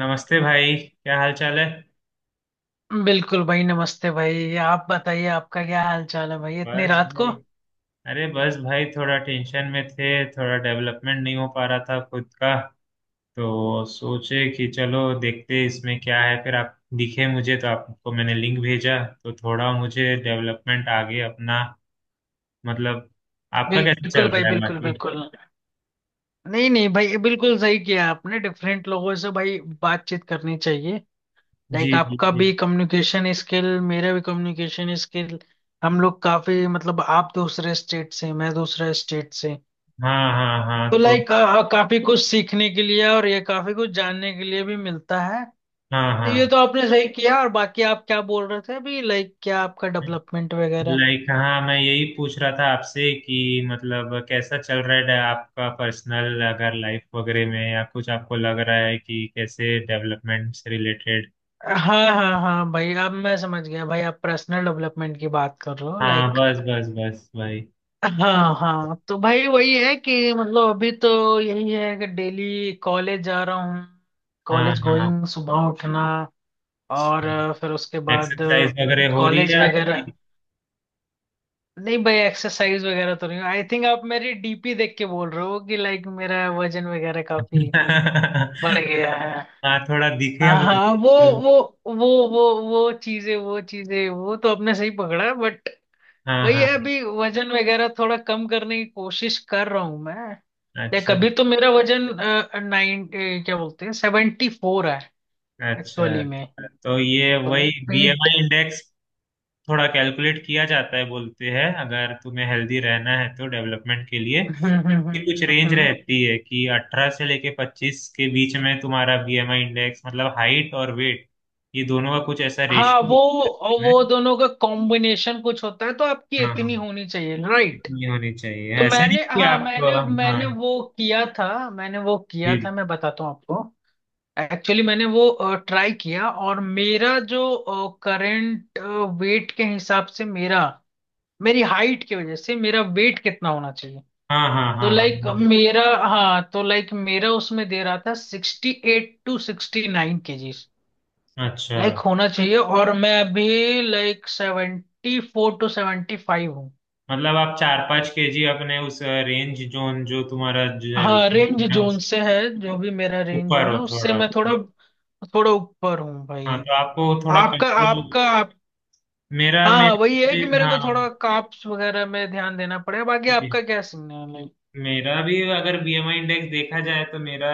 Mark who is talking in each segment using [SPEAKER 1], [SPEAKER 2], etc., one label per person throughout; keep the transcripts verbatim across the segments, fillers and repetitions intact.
[SPEAKER 1] नमस्ते भाई, क्या हाल चाल है।
[SPEAKER 2] बिल्कुल भाई, नमस्ते भाई। आप बताइए, आपका क्या हाल चाल है भाई, इतनी
[SPEAKER 1] बस
[SPEAKER 2] रात को?
[SPEAKER 1] भाई, अरे बस भाई, थोड़ा टेंशन में थे, थोड़ा डेवलपमेंट नहीं हो पा रहा था खुद का। तो सोचे कि चलो देखते इसमें क्या है, फिर आप दिखे मुझे, तो आपको मैंने लिंक भेजा। तो थोड़ा मुझे डेवलपमेंट आगे अपना, मतलब, आपका कैसा चल
[SPEAKER 2] बिल्कुल भाई,
[SPEAKER 1] रहा है
[SPEAKER 2] बिल्कुल
[SPEAKER 1] बाकी?
[SPEAKER 2] बिल्कुल। नहीं नहीं भाई, बिल्कुल सही किया आपने। डिफरेंट लोगों से भाई बातचीत करनी चाहिए। लाइक
[SPEAKER 1] जी जी
[SPEAKER 2] आपका
[SPEAKER 1] जी।
[SPEAKER 2] भी कम्युनिकेशन स्किल, मेरा भी कम्युनिकेशन स्किल। हम लोग काफी, मतलब आप दूसरे स्टेट से, मैं दूसरे स्टेट से,
[SPEAKER 1] हाँ हाँ हाँ,
[SPEAKER 2] तो
[SPEAKER 1] तो
[SPEAKER 2] लाइक काफी कुछ सीखने के लिए और ये काफी कुछ जानने के लिए भी मिलता है।
[SPEAKER 1] हाँ
[SPEAKER 2] तो ये
[SPEAKER 1] हाँ।
[SPEAKER 2] तो आपने सही किया। और बाकी आप क्या बोल रहे थे अभी, लाइक क्या आपका डेवलपमेंट वगैरह?
[SPEAKER 1] लाइक हाँ, मैं यही पूछ रहा था आपसे कि मतलब कैसा चल रहा है आपका पर्सनल, अगर लाइफ वगैरह में, या कुछ आपको लग रहा है कि कैसे, डेवलपमेंट से रिलेटेड।
[SPEAKER 2] हाँ हाँ हाँ भाई, अब मैं समझ गया भाई। आप पर्सनल डेवलपमेंट की बात कर रहे हो,
[SPEAKER 1] हाँ
[SPEAKER 2] लाइक
[SPEAKER 1] बस बस बस भाई।
[SPEAKER 2] हाँ हाँ। तो भाई वही है कि, मतलब अभी तो यही है कि डेली कॉलेज जा रहा हूँ।
[SPEAKER 1] हाँ
[SPEAKER 2] कॉलेज
[SPEAKER 1] हाँ,
[SPEAKER 2] गोइंग, सुबह उठना और अ, फिर उसके बाद
[SPEAKER 1] एक्सरसाइज वगैरह हो रही
[SPEAKER 2] कॉलेज
[SPEAKER 1] है आपकी?
[SPEAKER 2] वगैरह। नहीं भाई, एक्सरसाइज वगैरह तो नहीं। आई थिंक आप मेरी डीपी देख के बोल रहे हो कि लाइक मेरा वजन वगैरह काफी बढ़ गया है।
[SPEAKER 1] हाँ थोड़ा दिखे
[SPEAKER 2] हाँ
[SPEAKER 1] मुझे
[SPEAKER 2] हाँ। वो
[SPEAKER 1] तो।
[SPEAKER 2] वो वो वो वो चीजें वो चीजें वो तो आपने सही पकड़ा, बट
[SPEAKER 1] हाँ
[SPEAKER 2] वही है,
[SPEAKER 1] हाँ।
[SPEAKER 2] अभी वजन वगैरह थोड़ा कम करने की कोशिश कर रहा हूं मैं। देख
[SPEAKER 1] अच्छा।
[SPEAKER 2] अभी तो मेरा वजन नाइन, क्या बोलते हैं, सेवेंटी फोर है
[SPEAKER 1] अच्छा,
[SPEAKER 2] एक्चुअली में।
[SPEAKER 1] तो ये
[SPEAKER 2] तो
[SPEAKER 1] वही
[SPEAKER 2] लाइक पेट,
[SPEAKER 1] बीएमआई इंडेक्स थोड़ा कैलकुलेट किया जाता है, बोलते हैं अगर तुम्हें हेल्दी रहना है तो डेवलपमेंट के लिए,
[SPEAKER 2] हम्म हम्म
[SPEAKER 1] कि कुछ
[SPEAKER 2] हम्म,
[SPEAKER 1] रेंज
[SPEAKER 2] हम्म।
[SPEAKER 1] रहती है कि अठारह से लेके पच्चीस के बीच में तुम्हारा बीएमआई इंडेक्स, मतलब हाइट और वेट, ये दोनों का कुछ ऐसा
[SPEAKER 2] हाँ
[SPEAKER 1] रेशियो
[SPEAKER 2] वो वो
[SPEAKER 1] है।
[SPEAKER 2] दोनों का कॉम्बिनेशन कुछ होता है तो आपकी
[SPEAKER 1] हाँ
[SPEAKER 2] इतनी
[SPEAKER 1] हाँ,
[SPEAKER 2] होनी चाहिए, राइट?
[SPEAKER 1] इतनी होनी चाहिए,
[SPEAKER 2] तो
[SPEAKER 1] ऐसा नहीं
[SPEAKER 2] मैंने,
[SPEAKER 1] कि
[SPEAKER 2] हाँ
[SPEAKER 1] आप।
[SPEAKER 2] मैंने,
[SPEAKER 1] हाँ,
[SPEAKER 2] मैंने वो किया था मैंने वो किया
[SPEAKER 1] जी जी।
[SPEAKER 2] था, मैं बताता हूँ आपको। एक्चुअली मैंने वो ट्राई किया, और मेरा जो करंट वेट के हिसाब से मेरा, मेरी हाइट की वजह से मेरा वेट कितना होना चाहिए,
[SPEAKER 1] हाँ हाँ
[SPEAKER 2] तो
[SPEAKER 1] हाँ हाँ।
[SPEAKER 2] लाइक मेरा, हाँ तो लाइक मेरा उसमें दे रहा था sixty eight to sixty nine KGs
[SPEAKER 1] हाँ। अच्छा,
[SPEAKER 2] लाइक होना चाहिए, और मैं अभी like seventy four to seventy five हूँ।
[SPEAKER 1] मतलब आप चार पाँच केजी अपने उस रेंज जोन, जो तुम्हारा जो
[SPEAKER 2] हाँ रेंज
[SPEAKER 1] है
[SPEAKER 2] जोन
[SPEAKER 1] उस
[SPEAKER 2] से है, जो भी मेरा रेंज
[SPEAKER 1] ऊपर
[SPEAKER 2] जोन
[SPEAKER 1] हो
[SPEAKER 2] है उससे
[SPEAKER 1] थोड़ा।
[SPEAKER 2] मैं थोड़ा, थोड़ा ऊपर हूँ
[SPEAKER 1] हाँ
[SPEAKER 2] भाई।
[SPEAKER 1] तो आपको थोड़ा
[SPEAKER 2] आपका
[SPEAKER 1] कंट्रोल।
[SPEAKER 2] आपका आप,
[SPEAKER 1] मेरा
[SPEAKER 2] हाँ हाँ
[SPEAKER 1] मेरा
[SPEAKER 2] वही है
[SPEAKER 1] भी,
[SPEAKER 2] कि मेरे को
[SPEAKER 1] हाँ
[SPEAKER 2] थोड़ा काप्स वगैरह में ध्यान देना पड़ेगा। बाकी
[SPEAKER 1] जी।
[SPEAKER 2] आपका क्या सीन है लाइक?
[SPEAKER 1] मेरा भी अगर बीएमआई इंडेक्स देखा जाए तो मेरा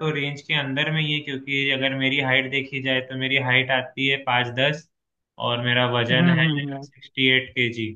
[SPEAKER 1] तो रेंज के अंदर में ही है, क्योंकि अगर मेरी हाइट देखी जाए तो मेरी हाइट आती है पाँच दस, और मेरा
[SPEAKER 2] हम्म
[SPEAKER 1] वजन है
[SPEAKER 2] हम्म हम्म।
[SPEAKER 1] Sixty eight K G.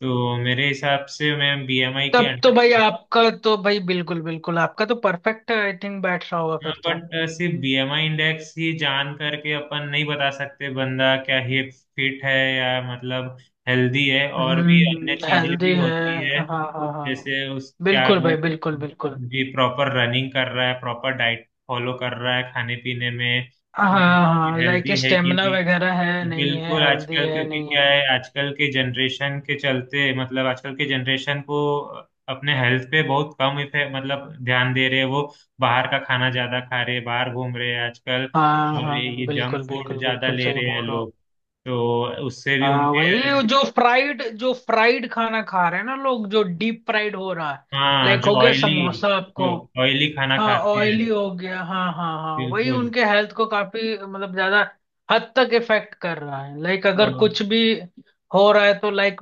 [SPEAKER 1] तो मेरे हिसाब से मैं बीएमआई के
[SPEAKER 2] तब तो भाई
[SPEAKER 1] अंडर।
[SPEAKER 2] आपका तो भाई बिल्कुल बिल्कुल, आपका तो परफेक्ट आई थिंक बैठ रहा होगा
[SPEAKER 1] हाँ,
[SPEAKER 2] फिर तो।
[SPEAKER 1] बट सिर्फ बीएमआई इंडेक्स ही जान करके अपन नहीं बता सकते बंदा क्या ही फिट है या, मतलब, हेल्दी है। और भी
[SPEAKER 2] हम्म,
[SPEAKER 1] अन्य चीजें
[SPEAKER 2] हेल्दी
[SPEAKER 1] भी
[SPEAKER 2] है।
[SPEAKER 1] होती है
[SPEAKER 2] हाँ हाँ हाँ,
[SPEAKER 1] जैसे उस क्या
[SPEAKER 2] बिल्कुल भाई
[SPEAKER 1] वो,
[SPEAKER 2] बिल्कुल बिल्कुल।
[SPEAKER 1] जी, प्रॉपर रनिंग कर रहा है, प्रॉपर डाइट फॉलो कर रहा है खाने पीने में,
[SPEAKER 2] हाँ हाँ, लाइक
[SPEAKER 1] हेल्दी है कि
[SPEAKER 2] स्टेमिना
[SPEAKER 1] नहीं।
[SPEAKER 2] वगैरह है नहीं है,
[SPEAKER 1] बिल्कुल,
[SPEAKER 2] हेल्दी
[SPEAKER 1] आजकल
[SPEAKER 2] है
[SPEAKER 1] क्योंकि
[SPEAKER 2] नहीं
[SPEAKER 1] क्या
[SPEAKER 2] है।
[SPEAKER 1] है, आजकल के जनरेशन के चलते, मतलब आजकल के जनरेशन को अपने हेल्थ पे बहुत कम इफे मतलब ध्यान दे रहे हैं वो। बाहर का खाना ज्यादा खा रहे हैं, बाहर घूम रहे हैं आजकल,
[SPEAKER 2] हाँ
[SPEAKER 1] और
[SPEAKER 2] हाँ,
[SPEAKER 1] ये जंक
[SPEAKER 2] बिल्कुल
[SPEAKER 1] फूड
[SPEAKER 2] बिल्कुल
[SPEAKER 1] ज्यादा
[SPEAKER 2] बिल्कुल
[SPEAKER 1] ले
[SPEAKER 2] सही
[SPEAKER 1] रहे हैं
[SPEAKER 2] बोल रहे हो आप।
[SPEAKER 1] लोग। तो उससे भी
[SPEAKER 2] हाँ
[SPEAKER 1] उनके,
[SPEAKER 2] वही, जो फ्राइड जो फ्राइड खाना खा रहे हैं ना लोग, जो डीप फ्राइड हो रहा है,
[SPEAKER 1] हाँ
[SPEAKER 2] लाइक
[SPEAKER 1] जो
[SPEAKER 2] हो गया
[SPEAKER 1] ऑयली
[SPEAKER 2] समोसा आपको।
[SPEAKER 1] जो ऑयली खाना
[SPEAKER 2] हाँ
[SPEAKER 1] खाते हैं।
[SPEAKER 2] ऑयली हो गया, हाँ हाँ हाँ वही,
[SPEAKER 1] बिल्कुल।
[SPEAKER 2] उनके हेल्थ को काफी, मतलब ज्यादा हद तक इफेक्ट कर रहा है। लाइक
[SPEAKER 1] अ,
[SPEAKER 2] अगर कुछ भी हो रहा है, तो लाइक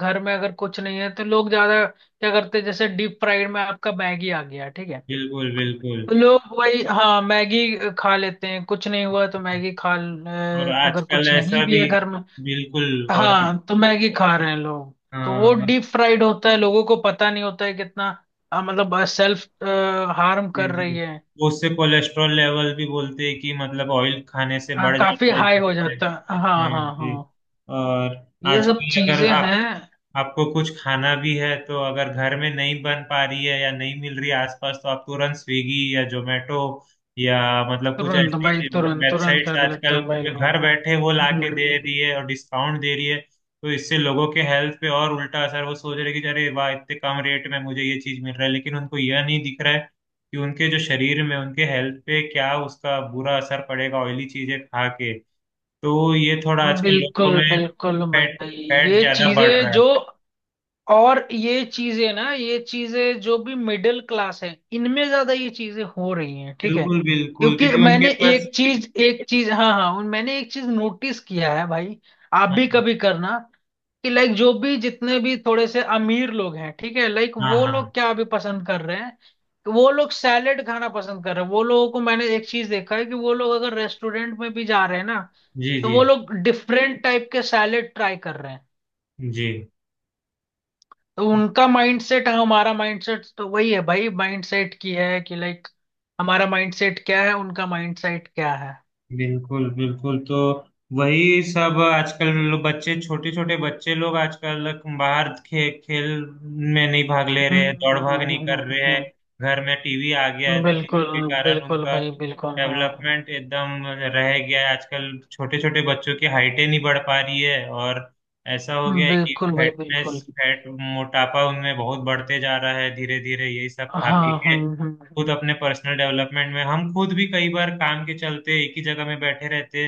[SPEAKER 2] घर में अगर कुछ नहीं है तो लोग ज्यादा क्या करते हैं, जैसे डीप फ्राइड में आपका मैगी आ गया, ठीक है?
[SPEAKER 1] बिल्कुल बिल्कुल।
[SPEAKER 2] तो लोग वही, हाँ मैगी खा लेते हैं। कुछ नहीं हुआ तो मैगी खा ल-
[SPEAKER 1] और
[SPEAKER 2] अ, अगर
[SPEAKER 1] आजकल
[SPEAKER 2] कुछ नहीं
[SPEAKER 1] ऐसा
[SPEAKER 2] भी
[SPEAKER 1] भी।
[SPEAKER 2] है घर में,
[SPEAKER 1] बिल्कुल। और
[SPEAKER 2] हाँ तो मैगी खा रहे हैं लोग। तो वो
[SPEAKER 1] हाँ
[SPEAKER 2] डीप फ्राइड होता है, लोगों को पता नहीं होता है कितना अ, मतलब सेल्फ हार्म
[SPEAKER 1] जी
[SPEAKER 2] कर
[SPEAKER 1] जी,
[SPEAKER 2] रही है।
[SPEAKER 1] तो उससे कोलेस्ट्रॉल लेवल भी बोलते हैं कि मतलब ऑयल खाने से
[SPEAKER 2] हाँ
[SPEAKER 1] बढ़
[SPEAKER 2] काफी
[SPEAKER 1] जाता है
[SPEAKER 2] हाई हो
[SPEAKER 1] जिससे,
[SPEAKER 2] जाता है, हाँ
[SPEAKER 1] हाँ
[SPEAKER 2] हाँ
[SPEAKER 1] जी।
[SPEAKER 2] हाँ
[SPEAKER 1] और
[SPEAKER 2] ये सब
[SPEAKER 1] आजकल अगर
[SPEAKER 2] चीजें
[SPEAKER 1] आप,
[SPEAKER 2] हैं।
[SPEAKER 1] आपको कुछ खाना भी है तो अगर घर में नहीं बन पा रही है या नहीं मिल रही है आसपास, तो आप तुरंत स्विगी या जोमेटो या, मतलब कुछ
[SPEAKER 2] तुरंत भाई,
[SPEAKER 1] ऐसी
[SPEAKER 2] तुरंत तुरंत
[SPEAKER 1] वेबसाइट्स
[SPEAKER 2] कर लेते
[SPEAKER 1] आजकल
[SPEAKER 2] हैं भाई
[SPEAKER 1] तुम्हें
[SPEAKER 2] लोग।
[SPEAKER 1] घर बैठे वो लाके दे
[SPEAKER 2] हम्म,
[SPEAKER 1] रही है और डिस्काउंट दे रही है। तो इससे लोगों के हेल्थ पे और उल्टा असर, वो सोच रहे कि अरे वाह इतने कम रेट में मुझे ये चीज मिल रहा है, लेकिन उनको यह नहीं दिख रहा है कि उनके जो शरीर में, उनके हेल्थ पे क्या उसका बुरा असर पड़ेगा ऑयली चीजें खा के। तो ये थोड़ा आजकल लोगों
[SPEAKER 2] बिल्कुल
[SPEAKER 1] में
[SPEAKER 2] बिल्कुल
[SPEAKER 1] फैट
[SPEAKER 2] भाई।
[SPEAKER 1] फैट
[SPEAKER 2] ये
[SPEAKER 1] ज्यादा बढ़
[SPEAKER 2] चीजें
[SPEAKER 1] रहा है।
[SPEAKER 2] जो और ये चीजें ना, ये चीजें जो भी मिडिल क्लास है, इनमें ज्यादा ये चीजें हो रही हैं, ठीक है?
[SPEAKER 1] बिल्कुल बिल्कुल,
[SPEAKER 2] क्योंकि
[SPEAKER 1] क्योंकि उनके
[SPEAKER 2] मैंने
[SPEAKER 1] पास।
[SPEAKER 2] एक चीज, एक चीज हाँ हाँ उन- मैंने एक चीज नोटिस किया है भाई, आप
[SPEAKER 1] हाँ
[SPEAKER 2] भी कभी करना कि लाइक जो भी जितने भी थोड़े से अमीर लोग हैं, ठीक है, लाइक
[SPEAKER 1] हाँ
[SPEAKER 2] वो
[SPEAKER 1] हाँ,
[SPEAKER 2] लोग क्या अभी पसंद कर रहे हैं कि वो लोग सैलेड खाना पसंद कर रहे हैं। वो लोगों को मैंने एक चीज देखा है कि वो लोग अगर रेस्टोरेंट में भी जा रहे हैं ना,
[SPEAKER 1] जी
[SPEAKER 2] तो
[SPEAKER 1] जी
[SPEAKER 2] वो लोग डिफरेंट टाइप के सैलेड ट्राई कर रहे हैं।
[SPEAKER 1] जी।
[SPEAKER 2] तो उनका माइंडसेट, हमारा माइंडसेट तो वही है भाई, माइंडसेट की है कि लाइक हमारा माइंडसेट क्या है, उनका माइंडसेट क्या है।
[SPEAKER 1] बिल्कुल बिल्कुल, तो वही सब आजकल लो- बच्चे, छोटे छोटे बच्चे लोग आजकल बाहर खे, खेल में नहीं भाग ले रहे हैं,
[SPEAKER 2] हम्म,
[SPEAKER 1] दौड़ भाग
[SPEAKER 2] हम्म,
[SPEAKER 1] नहीं
[SPEAKER 2] हम्म,
[SPEAKER 1] कर रहे हैं।
[SPEAKER 2] हम्म,
[SPEAKER 1] घर में टीवी आ गया है
[SPEAKER 2] हम्म।
[SPEAKER 1] तो
[SPEAKER 2] बिल्कुल
[SPEAKER 1] उसके कारण
[SPEAKER 2] बिल्कुल
[SPEAKER 1] उनका
[SPEAKER 2] भाई बिल्कुल। हाँ
[SPEAKER 1] डेवलपमेंट एकदम रह गया है। आजकल छोटे छोटे बच्चों की हाइटें नहीं बढ़ पा रही है, और ऐसा हो गया है कि
[SPEAKER 2] बिल्कुल भाई
[SPEAKER 1] फैटनेस,
[SPEAKER 2] बिल्कुल।
[SPEAKER 1] फैट, मोटापा उनमें बहुत बढ़ते जा रहा है धीरे धीरे, यही सब खा पी
[SPEAKER 2] हाँ
[SPEAKER 1] के।
[SPEAKER 2] हम्म हम्म
[SPEAKER 1] खुद अपने पर्सनल डेवलपमेंट में, हम खुद भी कई बार काम के चलते एक ही जगह में बैठे रहते,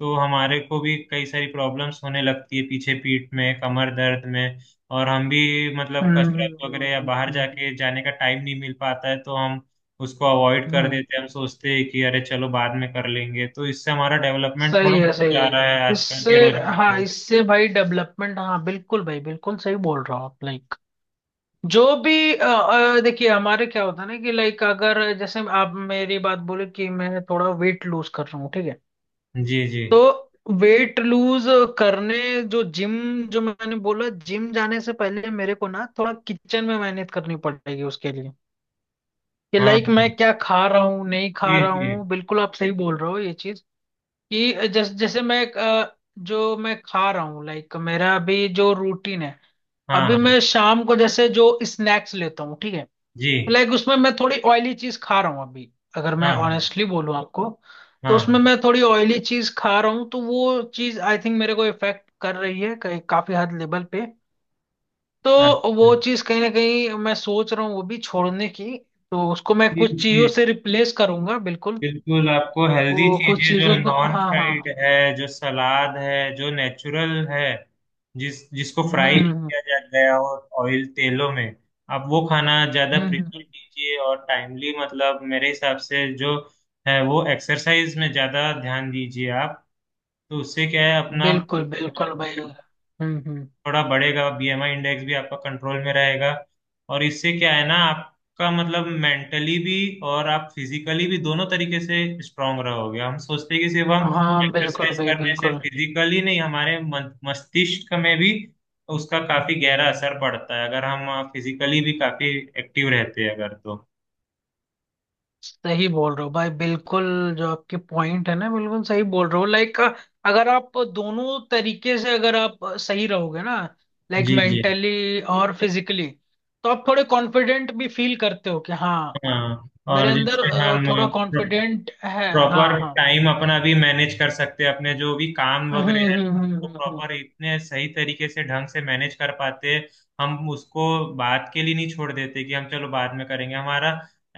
[SPEAKER 1] तो हमारे को भी कई सारी प्रॉब्लम्स होने लगती है पीछे, पीठ में, कमर दर्द में। और हम भी, मतलब,
[SPEAKER 2] हम्म
[SPEAKER 1] कसरत
[SPEAKER 2] हम्म,
[SPEAKER 1] वगैरह या
[SPEAKER 2] हम्म,
[SPEAKER 1] बाहर
[SPEAKER 2] हम्म,
[SPEAKER 1] जाके जाने का टाइम नहीं मिल पाता है, तो हम उसको अवॉइड कर
[SPEAKER 2] हम्म,
[SPEAKER 1] देते हैं। हम सोचते हैं कि अरे चलो बाद में कर लेंगे, तो इससे हमारा डेवलपमेंट
[SPEAKER 2] सही
[SPEAKER 1] थोड़ा
[SPEAKER 2] है सही
[SPEAKER 1] जा
[SPEAKER 2] है।
[SPEAKER 1] रहा है आजकल
[SPEAKER 2] इससे,
[SPEAKER 1] के
[SPEAKER 2] हाँ
[SPEAKER 1] रोजमर्रा
[SPEAKER 2] इससे भाई डेवलपमेंट, हाँ बिल्कुल भाई बिल्कुल सही बोल रहा हूँ आप। लाइक जो भी अ, अ, देखिए हमारे क्या होता है ना कि लाइक, अगर जैसे आप मेरी बात बोले कि मैं थोड़ा वेट लूज कर रहा हूँ, ठीक है,
[SPEAKER 1] में। जी जी।
[SPEAKER 2] तो वेट लूज करने, जो जिम, जो मैंने बोला, जिम जाने से पहले मेरे को ना थोड़ा किचन में मेहनत करनी पड़ेगी उसके लिए, कि
[SPEAKER 1] हाँ
[SPEAKER 2] लाइक
[SPEAKER 1] हाँ।
[SPEAKER 2] मैं क्या खा रहा हूँ नहीं खा
[SPEAKER 1] जी
[SPEAKER 2] रहा
[SPEAKER 1] जी।
[SPEAKER 2] हूँ। बिल्कुल आप सही बोल रहे हो ये चीज, कि जैसे जैसे मैं अ, जो मैं खा रहा हूँ, लाइक मेरा अभी जो रूटीन है,
[SPEAKER 1] हाँ
[SPEAKER 2] अभी
[SPEAKER 1] हाँ
[SPEAKER 2] मैं शाम को जैसे जो स्नैक्स लेता हूँ, ठीक है,
[SPEAKER 1] जी।
[SPEAKER 2] लाइक उसमें मैं थोड़ी ऑयली चीज खा रहा हूँ अभी। अगर मैं
[SPEAKER 1] हाँ हाँ
[SPEAKER 2] ऑनेस्टली बोलूँ आपको, तो
[SPEAKER 1] हाँ
[SPEAKER 2] उसमें
[SPEAKER 1] हाँ।
[SPEAKER 2] मैं थोड़ी ऑयली चीज खा रहा हूँ। तो वो चीज आई थिंक मेरे को इफेक्ट कर रही है कई- काफी हद लेवल पे।
[SPEAKER 1] हाँ,
[SPEAKER 2] तो वो
[SPEAKER 1] हाँ।
[SPEAKER 2] चीज कहीं ना कहीं मैं सोच रहा हूँ वो भी छोड़ने की, तो उसको मैं
[SPEAKER 1] जी
[SPEAKER 2] कुछ
[SPEAKER 1] जी।
[SPEAKER 2] चीजों से रिप्लेस करूंगा बिल्कुल।
[SPEAKER 1] बिल्कुल, आपको हेल्दी
[SPEAKER 2] वो कुछ
[SPEAKER 1] चीजें जो
[SPEAKER 2] चीजों को,
[SPEAKER 1] नॉन
[SPEAKER 2] हाँ हाँ
[SPEAKER 1] फ्राइड
[SPEAKER 2] हाँ।
[SPEAKER 1] है, जो सलाद है, जो नेचुरल है, जिस जिसको
[SPEAKER 2] हम्म
[SPEAKER 1] फ्राई
[SPEAKER 2] हम्म
[SPEAKER 1] किया जाता है और ऑयल तेलों में, आप वो खाना ज्यादा
[SPEAKER 2] हम्म हम्म,
[SPEAKER 1] प्रेफर
[SPEAKER 2] हम्म,
[SPEAKER 1] कीजिए। और टाइमली, मतलब मेरे हिसाब से जो है वो एक्सरसाइज में ज्यादा ध्यान दीजिए आप। तो उससे क्या है,
[SPEAKER 2] हम्म।
[SPEAKER 1] अपना
[SPEAKER 2] बिल्कुल बिल्कुल भाई, हम्म हम्म।
[SPEAKER 1] थोड़ा बढ़ेगा, बीएमआई इंडेक्स भी आपका कंट्रोल में रहेगा। और इससे क्या है ना, आपका मतलब मेंटली भी और आप फिजिकली भी, दोनों तरीके से स्ट्रांग रहोगे। हम सोचते हैं कि सिर्फ हम
[SPEAKER 2] हाँ बिल्कुल
[SPEAKER 1] एक्सरसाइज
[SPEAKER 2] भाई
[SPEAKER 1] करने से
[SPEAKER 2] बिल्कुल
[SPEAKER 1] फिजिकली नहीं, हमारे मन- मस्तिष्क में भी उसका काफी गहरा असर पड़ता है, अगर हम फिजिकली भी काफी एक्टिव रहते हैं अगर तो।
[SPEAKER 2] सही बोल रहे हो भाई। बिल्कुल जो आपके पॉइंट है ना, बिल्कुल सही बोल रहे हो। लाइक अगर आप दोनों तरीके से अगर आप सही रहोगे ना, लाइक
[SPEAKER 1] जी जी।
[SPEAKER 2] मेंटली और फिजिकली, तो आप थोड़े कॉन्फिडेंट भी फील करते हो कि हाँ
[SPEAKER 1] हाँ,
[SPEAKER 2] मेरे
[SPEAKER 1] और
[SPEAKER 2] अंदर
[SPEAKER 1] जैसे
[SPEAKER 2] अ,
[SPEAKER 1] हम
[SPEAKER 2] थोड़ा कॉन्फिडेंट है। हाँ
[SPEAKER 1] प्रॉपर
[SPEAKER 2] हाँ
[SPEAKER 1] टाइम अपना भी मैनेज कर सकते हैं, अपने जो भी काम
[SPEAKER 2] हम्म
[SPEAKER 1] वगैरह है
[SPEAKER 2] हम्म हम्म
[SPEAKER 1] उसको
[SPEAKER 2] हम्म, हम्म।
[SPEAKER 1] प्रॉपर इतने सही तरीके से, ढंग से मैनेज कर पाते हैं। हम उसको बात के लिए नहीं छोड़ देते कि हम चलो बाद में करेंगे। हमारा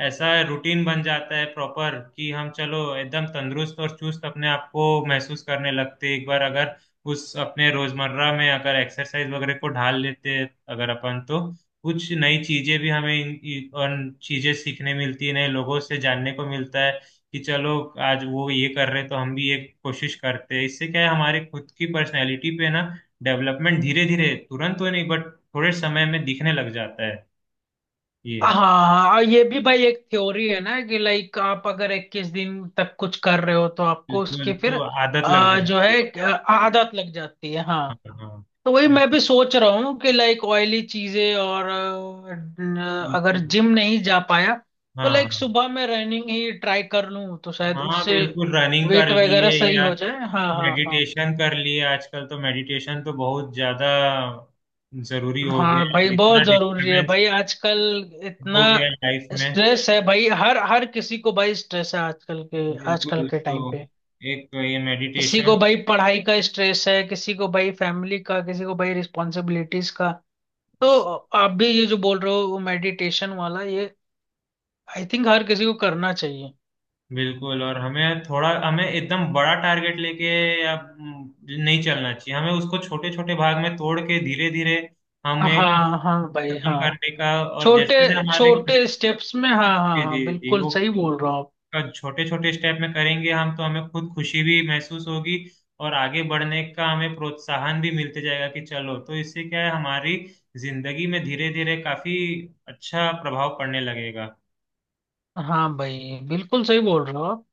[SPEAKER 1] ऐसा रूटीन बन जाता है प्रॉपर, कि हम चलो एकदम तंदुरुस्त और चुस्त अपने आप को महसूस करने लगते हैं एक बार, अगर उस अपने रोजमर्रा में अगर एक्सरसाइज वगैरह को ढाल लेते हैं अगर अपन तो। कुछ नई चीजें भी हमें इन- इन- और चीजें सीखने मिलती है, नए लोगों से जानने को मिलता है कि चलो आज वो ये कर रहे हैं, तो हम भी एक कोशिश करते हैं। इससे क्या है, हमारे खुद की पर्सनैलिटी पे ना डेवलपमेंट धीरे धीरे, तुरंत तो नहीं बट थोड़े समय में दिखने लग जाता है
[SPEAKER 2] हाँ
[SPEAKER 1] ये।
[SPEAKER 2] हाँ, और ये भी भाई एक थ्योरी है ना कि लाइक, आप अगर इक्कीस दिन तक कुछ कर रहे हो तो आपको
[SPEAKER 1] बिल्कुल,
[SPEAKER 2] उसकी फिर
[SPEAKER 1] तो आदत लग
[SPEAKER 2] अ, जो
[SPEAKER 1] जाती
[SPEAKER 2] है
[SPEAKER 1] है।
[SPEAKER 2] एक, अ, आदत लग जाती है
[SPEAKER 1] हाँ
[SPEAKER 2] हाँ।
[SPEAKER 1] हाँ
[SPEAKER 2] तो वही
[SPEAKER 1] हाँ,
[SPEAKER 2] मैं भी सोच रहा हूँ कि लाइक ऑयली चीजें और अ, न- अगर
[SPEAKER 1] बिल्कुल।
[SPEAKER 2] जिम नहीं जा पाया तो
[SPEAKER 1] हाँ
[SPEAKER 2] लाइक सुबह में रनिंग ही ट्राई कर लूँ, तो शायद
[SPEAKER 1] हाँ हाँ,
[SPEAKER 2] उससे
[SPEAKER 1] बिल्कुल रनिंग कर
[SPEAKER 2] वेट
[SPEAKER 1] लिए
[SPEAKER 2] वगैरह सही
[SPEAKER 1] या
[SPEAKER 2] हो जाए। हाँ हाँ हाँ।
[SPEAKER 1] मेडिटेशन कर लिए। आजकल तो मेडिटेशन तो बहुत ज्यादा जरूरी हो गया
[SPEAKER 2] हाँ भाई
[SPEAKER 1] है,
[SPEAKER 2] बहुत
[SPEAKER 1] इतना
[SPEAKER 2] जरूरी है
[SPEAKER 1] डिस्टरबेंस
[SPEAKER 2] भाई आजकल। इतना
[SPEAKER 1] हो गया है लाइफ में।
[SPEAKER 2] स्ट्रेस है भाई, हर हर किसी को भाई स्ट्रेस है आजकल के, आजकल
[SPEAKER 1] बिल्कुल,
[SPEAKER 2] के
[SPEAKER 1] तो
[SPEAKER 2] टाइम पे।
[SPEAKER 1] एक तो ये
[SPEAKER 2] किसी
[SPEAKER 1] मेडिटेशन।
[SPEAKER 2] को भाई पढ़ाई का स्ट्रेस है, किसी को भाई फैमिली का, किसी को भाई रिस्पॉन्सिबिलिटीज का। तो आप भी ये जो बोल रहे हो मेडिटेशन वाला ये, आई थिंक हर किसी को करना चाहिए।
[SPEAKER 1] बिल्कुल, और हमें थोड़ा, हमें एकदम बड़ा टारगेट लेके या हम्म, नहीं चलना चाहिए। हमें उसको छोटे छोटे भाग में तोड़ के धीरे धीरे हमें
[SPEAKER 2] हाँ हाँ भाई
[SPEAKER 1] खत्म
[SPEAKER 2] हाँ।
[SPEAKER 1] करने का। और
[SPEAKER 2] छोटे
[SPEAKER 1] जैसे जैसे हमारे जी
[SPEAKER 2] छोटे स्टेप्स में, हाँ हाँ
[SPEAKER 1] जी
[SPEAKER 2] हाँ
[SPEAKER 1] जी,
[SPEAKER 2] बिल्कुल
[SPEAKER 1] वो
[SPEAKER 2] सही बोल रहा हूँ आप।
[SPEAKER 1] का छोटे छोटे स्टेप में करेंगे हम, तो हमें खुद खुशी भी महसूस होगी और आगे बढ़ने का हमें प्रोत्साहन भी मिलते जाएगा कि चलो, तो इससे क्या है हमारी जिंदगी में धीरे धीरे काफी अच्छा प्रभाव पड़ने लगेगा।
[SPEAKER 2] हाँ भाई बिल्कुल सही बोल रहा हो आप।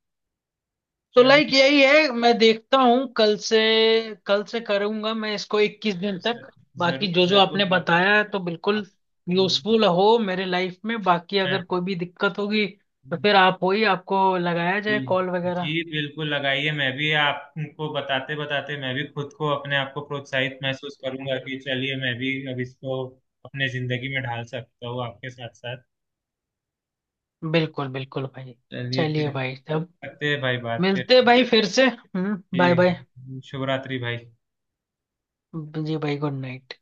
[SPEAKER 2] तो लाइक
[SPEAKER 1] चलिए।
[SPEAKER 2] यही है, मैं देखता हूँ कल से, कल से करूंगा मैं इसको इक्कीस दिन तक।
[SPEAKER 1] ज-
[SPEAKER 2] बाकी
[SPEAKER 1] जरूर
[SPEAKER 2] जो जो आपने
[SPEAKER 1] जरूर आप,
[SPEAKER 2] बताया है तो बिल्कुल
[SPEAKER 1] आप।
[SPEAKER 2] यूजफुल हो मेरे लाइफ में। बाकी अगर कोई भी दिक्कत होगी तो फिर आप हो ही, आपको लगाया
[SPEAKER 1] जी
[SPEAKER 2] जाए कॉल वगैरह।
[SPEAKER 1] जी, बिल्कुल लगाइए। मैं भी आपको बताते बताते मैं भी खुद को, अपने आप को प्रोत्साहित महसूस करूंगा कि चलिए मैं भी अब इसको अपने जिंदगी में ढाल सकता हूँ आपके साथ साथ।
[SPEAKER 2] बिल्कुल बिल्कुल भाई।
[SPEAKER 1] चलिए
[SPEAKER 2] चलिए
[SPEAKER 1] फिर,
[SPEAKER 2] भाई, तब
[SPEAKER 1] करते हैं भाई बात फिर।
[SPEAKER 2] मिलते हैं भाई फिर से। हम्म बाय बाय,
[SPEAKER 1] जी, शुभ रात्रि भाई।
[SPEAKER 2] जी भाई गुड नाइट।